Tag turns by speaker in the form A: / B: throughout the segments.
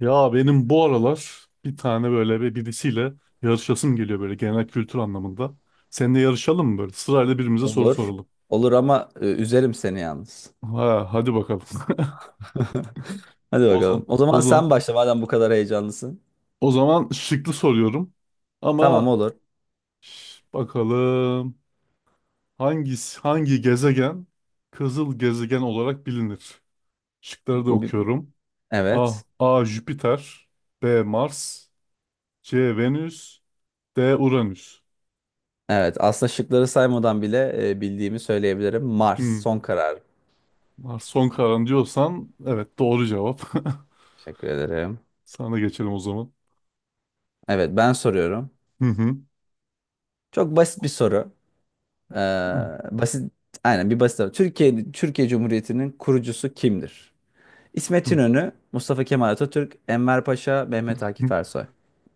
A: Ya benim bu aralar bir tane böyle bir birisiyle yarışasım geliyor böyle genel kültür anlamında. Seninle yarışalım mı böyle? Sırayla birbirimize soru
B: Olur.
A: soralım.
B: Olur ama üzerim seni yalnız.
A: Ha, hadi bakalım.
B: Hadi
A: O
B: bakalım.
A: zaman,
B: O
A: o
B: zaman
A: zaman,
B: sen başla madem bu kadar heyecanlısın.
A: o zaman şıklı soruyorum.
B: Tamam
A: Ama
B: olur.
A: bakalım hangisi hangi gezegen kızıl gezegen olarak bilinir? Şıkları da
B: Bu bir...
A: okuyorum. A.
B: Evet.
A: A. Jüpiter, B. Mars, C. Venüs, D. Uranüs.
B: Evet. Aslında şıkları saymadan bile bildiğimi söyleyebilirim. Mars.
A: Hmm.
B: Son karar.
A: Mars son kararın diyorsan evet doğru cevap.
B: Teşekkür ederim.
A: Sana geçelim o zaman.
B: Evet, ben soruyorum.
A: Hı hı.
B: Çok basit bir soru. Ee, basit. Aynen bir basit soru. Türkiye Cumhuriyeti'nin kurucusu kimdir? İsmet
A: Hı
B: İnönü, Mustafa Kemal Atatürk, Enver Paşa, Mehmet Akif
A: hı.
B: Ersoy.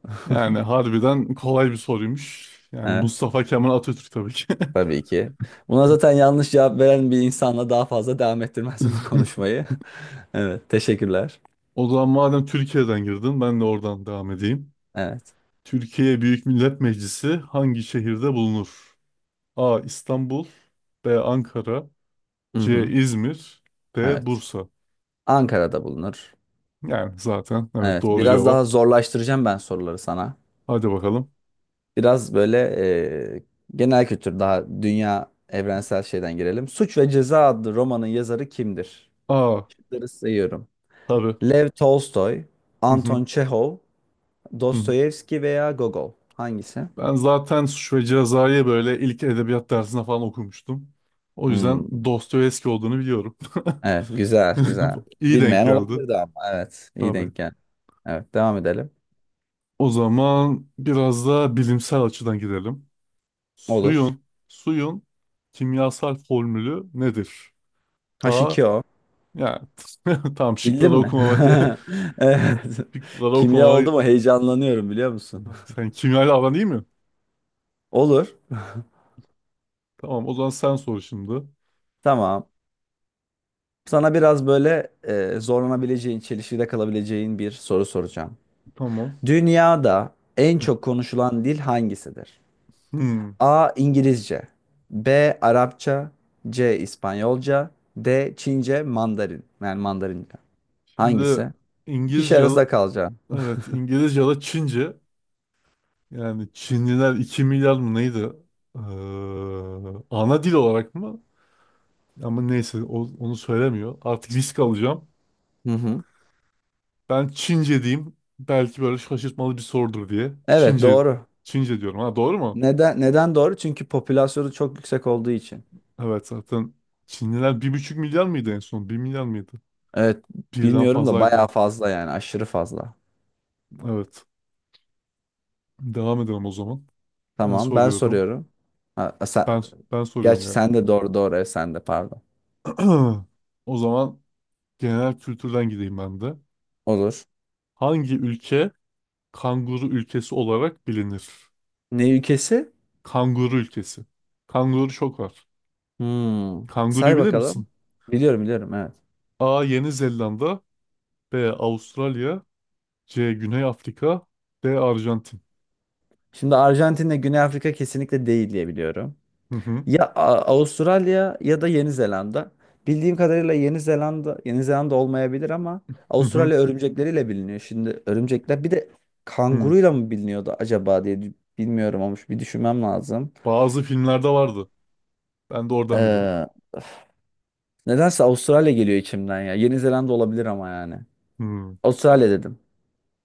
A: Yani harbiden kolay bir soruymuş. Yani
B: Evet.
A: Mustafa Kemal Atatürk tabii ki.
B: Tabii ki. Buna zaten yanlış cevap veren bir insanla daha fazla devam ettirmezdim bu konuşmayı. Evet, teşekkürler.
A: O zaman madem Türkiye'den girdin ben de oradan devam edeyim.
B: Evet.
A: Türkiye Büyük Millet Meclisi hangi şehirde bulunur? A. İstanbul, B. Ankara,
B: Hı
A: C.
B: hı.
A: İzmir, D.
B: Evet.
A: Bursa.
B: Ankara'da bulunur.
A: Yani zaten evet
B: Evet,
A: doğru
B: biraz
A: cevap.
B: daha zorlaştıracağım ben soruları sana.
A: Hadi bakalım.
B: Biraz böyle e, genel kültür, daha dünya evrensel şeyden girelim. Suç ve Ceza adlı romanın yazarı kimdir?
A: A.
B: Şıkları sayıyorum.
A: Tabii.
B: Lev Tolstoy,
A: Hı hı, hı
B: Anton Çehov,
A: hı.
B: Dostoyevski veya Gogol. Hangisi?
A: Ben zaten Suç ve Ceza'yı böyle ilk edebiyat dersinde falan okumuştum. O yüzden
B: Hmm,
A: Dostoyevski olduğunu biliyorum.
B: evet, güzel, güzel.
A: İyi denk
B: Bilmeyen tamam
A: geldi.
B: olabilirdi ama. Evet, iyi
A: Tabii.
B: denk geldi. Evet, devam edelim.
A: O zaman biraz da bilimsel açıdan gidelim.
B: Olur.
A: Suyun kimyasal formülü nedir? A,
B: H2O.
A: yani tam
B: Bildin
A: şıkları
B: mi?
A: okumama ge-
B: Evet.
A: şıkları
B: Kimya
A: okumama
B: oldu mu? Heyecanlanıyorum, biliyor musun?
A: sen kimyayla aran değil mi?
B: Olur.
A: Tamam o zaman sen sor şimdi.
B: Tamam. Sana biraz böyle zorlanabileceğin, çelişkide kalabileceğin bir soru soracağım.
A: Tamam.
B: Dünyada en çok konuşulan dil hangisidir?
A: Hmm.
B: A. İngilizce. B. Arapça. C. İspanyolca. D. Çince, Mandarin. Yani Mandarinca.
A: Şimdi
B: Hangisi? Kişi
A: İngilizce.
B: arasında kalacağım.
A: Evet, İngilizce ya da Çince. Yani Çinliler 2 milyar mı neydi? Ee, ana dil olarak mı? Ama neyse onu söylemiyor. Artık risk alacağım.
B: Hı hı.
A: Ben Çince diyeyim. Belki böyle şaşırtmalı bir sorudur diye.
B: Evet,
A: Çince,
B: doğru.
A: Çince diyorum. Ha doğru mu?
B: Neden doğru? Çünkü popülasyonu çok yüksek olduğu için.
A: Evet zaten Çinliler 1,5 milyar mıydı en son? 1 milyar mıydı?
B: Evet,
A: Birden
B: bilmiyorum da bayağı
A: fazlaydı.
B: fazla, yani aşırı fazla.
A: Evet. Devam edelim o zaman. Ben
B: Tamam, ben
A: soruyorum.
B: soruyorum. Ha, sen,
A: Ben ben soruyorum
B: gerçi
A: yani.
B: sen de doğru, doğru, evet, sen de pardon.
A: O zaman genel kültürden gideyim ben de.
B: Olur.
A: Hangi ülke kanguru ülkesi olarak bilinir?
B: Ne ülkesi?
A: Kanguru ülkesi. Kanguru çok var.
B: Hmm.
A: Kanguruyu
B: Say
A: bilir
B: bakalım.
A: misin?
B: Biliyorum, biliyorum, evet.
A: A. Yeni Zelanda, B. Avustralya, C. Güney Afrika, D. Arjantin.
B: Şimdi Arjantin'le Güney Afrika kesinlikle değil diye biliyorum.
A: Hı hı,
B: Ya Avustralya ya da Yeni Zelanda. Bildiğim kadarıyla Yeni Zelanda olmayabilir ama
A: hı hı,
B: Avustralya örümcekleriyle biliniyor. Şimdi örümcekler bir de
A: hı.
B: kanguruyla mı biliniyordu acaba diye bilmiyorum olmuş. Bir düşünmem lazım.
A: Bazı filmlerde vardı. Ben de oradan biliyorum.
B: Ee, nedense Avustralya geliyor içimden ya. Yeni Zelanda olabilir ama yani.
A: Hı. A-
B: Avustralya dedim.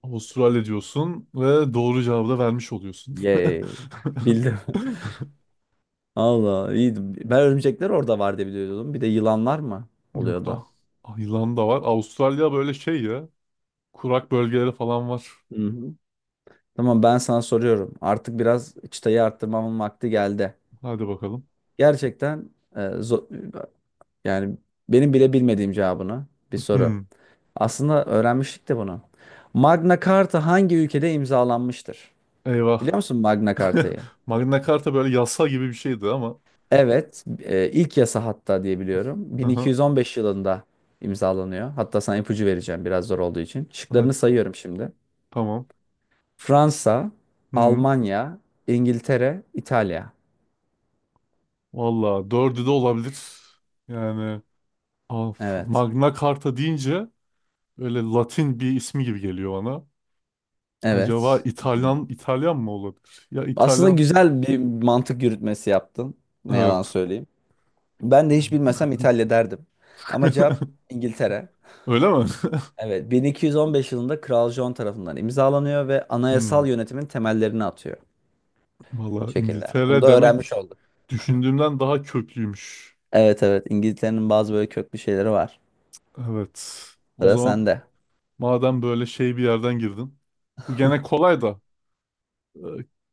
A: Avustralya diyorsun ve doğru cevabı da vermiş oluyorsun.
B: Yay. Bildim. Allah iyiydi. Ben örümcekler orada var diye biliyordum. Bir de yılanlar mı
A: Yok. Ah,
B: oluyordu?
A: ah, yılan da var. Avustralya böyle şey ya. Kurak bölgeleri falan var.
B: Hı hı. Tamam, ben sana soruyorum. Artık biraz çıtayı arttırmamın vakti geldi.
A: Hadi bakalım.
B: Gerçekten e, zo- yani benim bile bilmediğim cevabını bir soru.
A: Hmm,
B: Aslında öğrenmiştik de bunu. Magna Carta hangi ülkede imzalanmıştır? Biliyor
A: eyvah.
B: musun Magna Carta'yı?
A: Magna Carta böyle yasa gibi bir şeydi ama.
B: Evet, ilk yasa hatta diye biliyorum.
A: Aha,
B: 1215 yılında imzalanıyor. Hatta sana ipucu vereceğim biraz zor olduğu için.
A: hadi
B: Şıklarını sayıyorum şimdi.
A: tamam.
B: Fransa,
A: Hmm.
B: Almanya, İngiltere, İtalya.
A: Valla dördü de olabilir. Yani of,
B: Evet.
A: Magna Carta deyince öyle Latin bir ismi gibi geliyor bana. Acaba
B: Evet.
A: İtalyan İtalyan mı olabilir? Ya
B: Aslında
A: İtalyan.
B: güzel bir mantık yürütmesi yaptın. Ne yalan
A: Evet.
B: söyleyeyim. Ben de hiç bilmesem İtalya derdim. Ama cevap İngiltere.
A: Öyle mi?
B: Evet, 1215 yılında Kral John tarafından imzalanıyor ve
A: Hmm.
B: anayasal yönetimin temellerini atıyor. O
A: Valla
B: şekilde. Bunu
A: İngiltere
B: da öğrenmiş
A: demek
B: olduk.
A: düşündüğümden daha köklüymüş.
B: Evet, evet, İngiltere'nin bazı böyle köklü şeyleri var.
A: Evet. O
B: Sıra
A: zaman
B: sende.
A: madem böyle şey bir yerden girdin. Bu gene kolay da. e,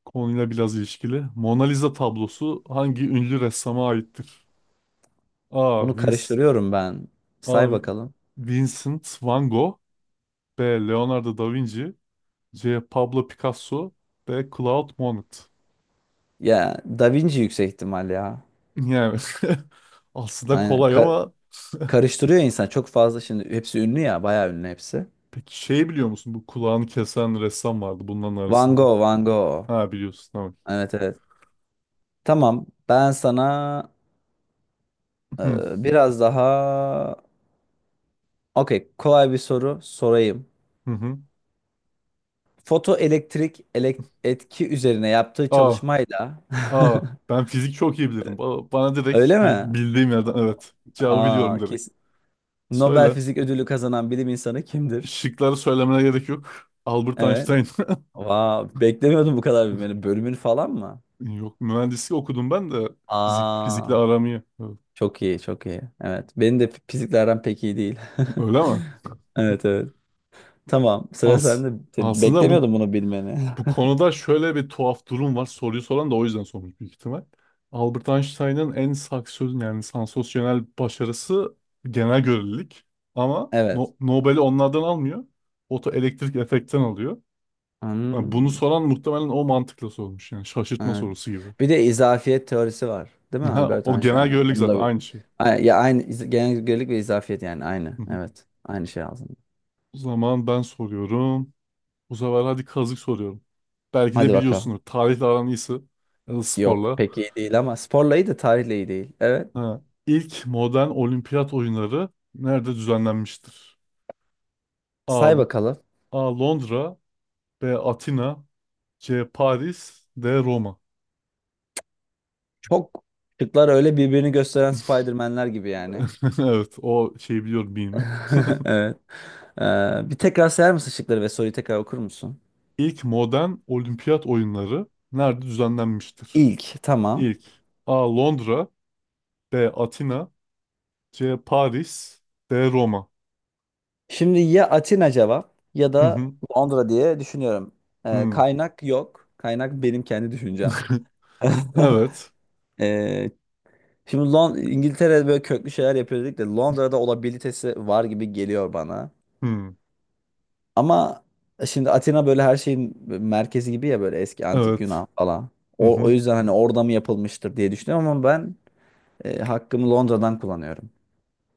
A: Konuyla biraz ilişkili. Mona Lisa tablosu hangi ünlü ressama aittir? A.
B: Bunu
A: Vince,
B: karıştırıyorum ben.
A: A.
B: Say bakalım.
A: Vincent Van Gogh, B. Leonardo da Vinci, C. Pablo Picasso, D. Claude Monet.
B: Ya Da Vinci yüksek ihtimal ya.
A: Yani aslında
B: Aynen.
A: kolay ama
B: Karıştırıyor insan çok fazla, şimdi hepsi ünlü ya, bayağı ünlü hepsi.
A: peki şey biliyor musun? Bu kulağını kesen ressam vardı bunların
B: Van
A: arasında.
B: Gogh, Van Gogh.
A: Ha biliyorsun tamam.
B: Evet, evet. Tamam. Ben sana
A: Hı
B: biraz daha okey kolay bir soru sorayım.
A: hı. Hı.
B: Fotoelektrik etki üzerine yaptığı
A: A.
B: çalışmayla
A: A. Ben fizik çok iyi bilirim. Bana
B: öyle
A: direkt
B: mi?
A: bildiğim yerden
B: O-
A: evet. Cevabı
B: Aa,
A: biliyorum direkt.
B: kesin. Nobel
A: Söyle.
B: Fizik Ödülü kazanan bilim insanı kimdir?
A: Şıkları söylemene gerek yok. Albert
B: Evet.
A: Einstein.
B: Wow, beklemiyordum bu kadar bilmeni. Bölümün falan mı?
A: Yok, mühendislik okudum ben de, fizikle
B: Aa,
A: aram iyi. Evet.
B: çok iyi, çok iyi. Evet. Benim de fiziklerden pek iyi değil.
A: Öyle mi?
B: Evet, evet. Tamam, sıra
A: Az.
B: sende.
A: Aslında bu
B: Beklemiyordum bunu bilmeni.
A: bu konuda şöyle bir tuhaf durum var. Soruyu soran da o yüzden sormuş büyük ihtimal. Albert Einstein'ın en saksöz yani sansasyonel başarısı genel görelilik. Ama
B: Evet.
A: Nobel'i onlardan almıyor. Fotoelektrik efektten alıyor. Yani bunu
B: Hmm,
A: soran muhtemelen o mantıkla sormuş. Yani şaşırtma
B: evet.
A: sorusu gibi.
B: Bir de izafiyet teorisi var. Değil mi
A: Ha,
B: Albert
A: o genel
B: Einstein'ın?
A: görelilik
B: Onu da
A: zaten
B: bir.
A: aynı şey.
B: Ya aynı genelgelik ve izafiyet, yani aynı. Evet. Aynı şey aslında.
A: O zaman ben soruyorum. Bu sefer hadi kazık soruyorum. Belki de
B: Hadi bakalım.
A: biliyorsunuz. Tarihle aran iyisi. Ya da
B: Yok,
A: sporla.
B: pek iyi değil ama sporla iyi de tarihle iyi değil. Evet.
A: Ha. İlk modern olimpiyat oyunları nerede düzenlenmiştir? A.
B: Say bakalım.
A: A. Londra, B. Atina, C. Paris, D. Roma.
B: Çok, şıklar öyle birbirini gösteren Spider-Man'ler gibi yani.
A: Evet o şeyi biliyorum bilimi.
B: Evet. Bir tekrar sayar mısın şıkları ve soruyu tekrar okur musun?
A: İlk modern olimpiyat oyunları nerede düzenlenmiştir?
B: İlk, tamam.
A: İlk A. Londra, B. Atina, C. Paris, D. Roma.
B: Şimdi ya Atina cevap ya
A: Hı
B: da
A: hı.
B: Londra diye düşünüyorum.
A: Hı.
B: Kaynak yok. Kaynak benim kendi düşüncem.
A: Evet.
B: Ee, şimdi İngiltere'de böyle köklü şeyler yapıyor dedik de Londra'da olabilitesi var gibi geliyor bana.
A: Hmm,
B: Ama şimdi Atina böyle her şeyin merkezi gibi ya, böyle eski antik
A: evet.
B: Yunan falan.
A: Hı
B: O
A: hı.
B: yüzden hani orada mı yapılmıştır diye düşünüyorum ama ben hakkımı Londra'dan kullanıyorum.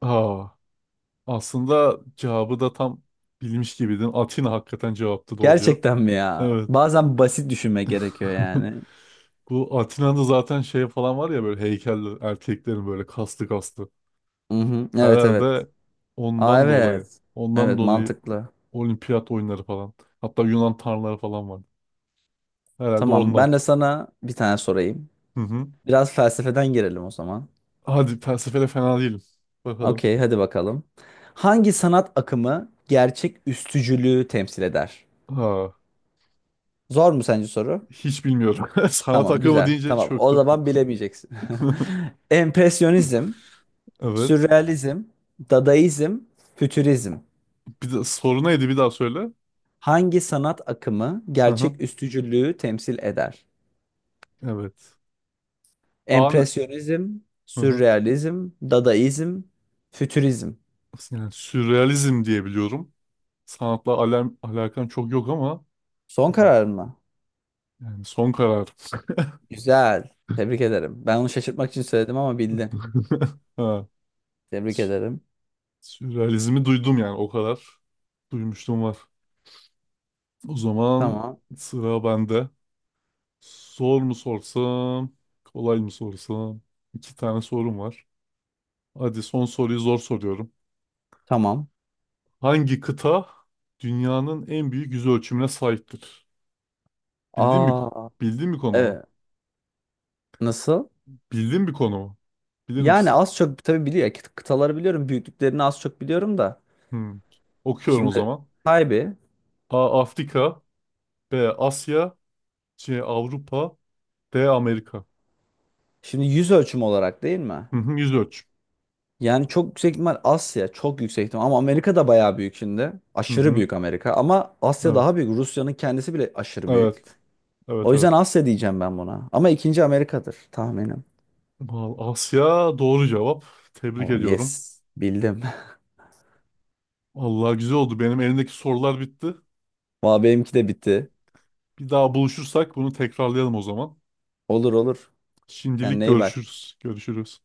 A: Aa, aslında cevabı da tam bilmiş gibiydin. Atina hakikaten cevaptı, doğru cevap.
B: Gerçekten mi ya?
A: Evet.
B: Bazen basit düşünme gerekiyor yani.
A: Bu Atina'da zaten şey falan var ya, böyle heykeller erkeklerin, böyle kaslı kaslı.
B: Mhm. Evet, evet.
A: Herhalde
B: Aa,
A: ondan dolayı.
B: evet.
A: Ondan
B: Evet,
A: dolayı
B: mantıklı.
A: olimpiyat oyunları falan. Hatta Yunan tanrıları falan vardı. Herhalde
B: Tamam,
A: ondan.
B: ben de sana bir tane sorayım.
A: Hı hı.
B: Biraz felsefeden girelim o zaman.
A: Hadi felsefede fena değilim. Bakalım.
B: Okey, hadi bakalım. Hangi sanat akımı gerçek üstücülüğü temsil eder?
A: Ha,
B: Zor mu sence soru?
A: hiç bilmiyorum. Sanat
B: Tamam,
A: akımı
B: güzel.
A: deyince
B: Tamam, o
A: çöktüm.
B: zaman bilemeyeceksin. Empresyonizm,
A: Evet.
B: sürrealizm, dadaizm, fütürizm.
A: Bir de soru neydi bir daha söyle.
B: Hangi sanat akımı
A: Hı hı.
B: gerçek üstücülüğü temsil eder?
A: Evet. An
B: Empresyonizm,
A: hı hı.
B: sürrealizm, dadaizm, fütürizm.
A: Yani sürrealizm diye biliyorum. Sanatla alakam çok yok ama
B: Son kararın mı?
A: yani son karar.
B: Güzel. Tebrik ederim. Ben onu şaşırtmak için söyledim ama bildin.
A: Ha.
B: Tebrik
A: sü-
B: ederim.
A: Sürrealizmi duydum yani o kadar. Duymuştum var. O zaman
B: Tamam.
A: sıra bende. Zor mu sorsam, kolay mı sorsam? İki tane sorum var. Hadi son soruyu zor soruyorum.
B: Tamam.
A: Hangi kıta dünyanın en büyük yüz ölçümüne sahiptir? Bildiğin bir ko-
B: Aa,
A: bildiğin bir konu mu?
B: evet. Nasıl?
A: Bildiğin bir konu mu? Bilir
B: Yani
A: misin?
B: az çok tabii biliyor. Kıtaları biliyorum. Büyüklüklerini az çok biliyorum da.
A: Hmm. Okuyorum o
B: Şimdi
A: zaman.
B: kaybı.
A: A. Afrika, B. Asya, C. Avrupa, D. Amerika.
B: Şimdi yüz ölçümü olarak değil mi?
A: Hı hı, yüz ölçüm.
B: Yani çok yüksek ihtimal Asya. Çok yüksek ihtimal. Ama Amerika da bayağı büyük şimdi.
A: Hı
B: Aşırı
A: hı.
B: büyük Amerika. Ama Asya
A: Evet.
B: daha büyük. Rusya'nın kendisi bile aşırı büyük.
A: Evet.
B: O
A: Evet,
B: yüzden
A: evet.
B: Asya diyeceğim ben buna. Ama ikinci Amerika'dır tahminim.
A: Vallahi Asya doğru cevap. Tebrik
B: Oh,
A: ediyorum.
B: yes. Bildim.
A: Allah güzel oldu. Benim elimdeki sorular bitti.
B: Valla benimki de bitti.
A: Bir daha buluşursak bunu tekrarlayalım o zaman.
B: Olur, olur.
A: Şimdilik
B: Kendine iyi bak.
A: görüşürüz. Görüşürüz.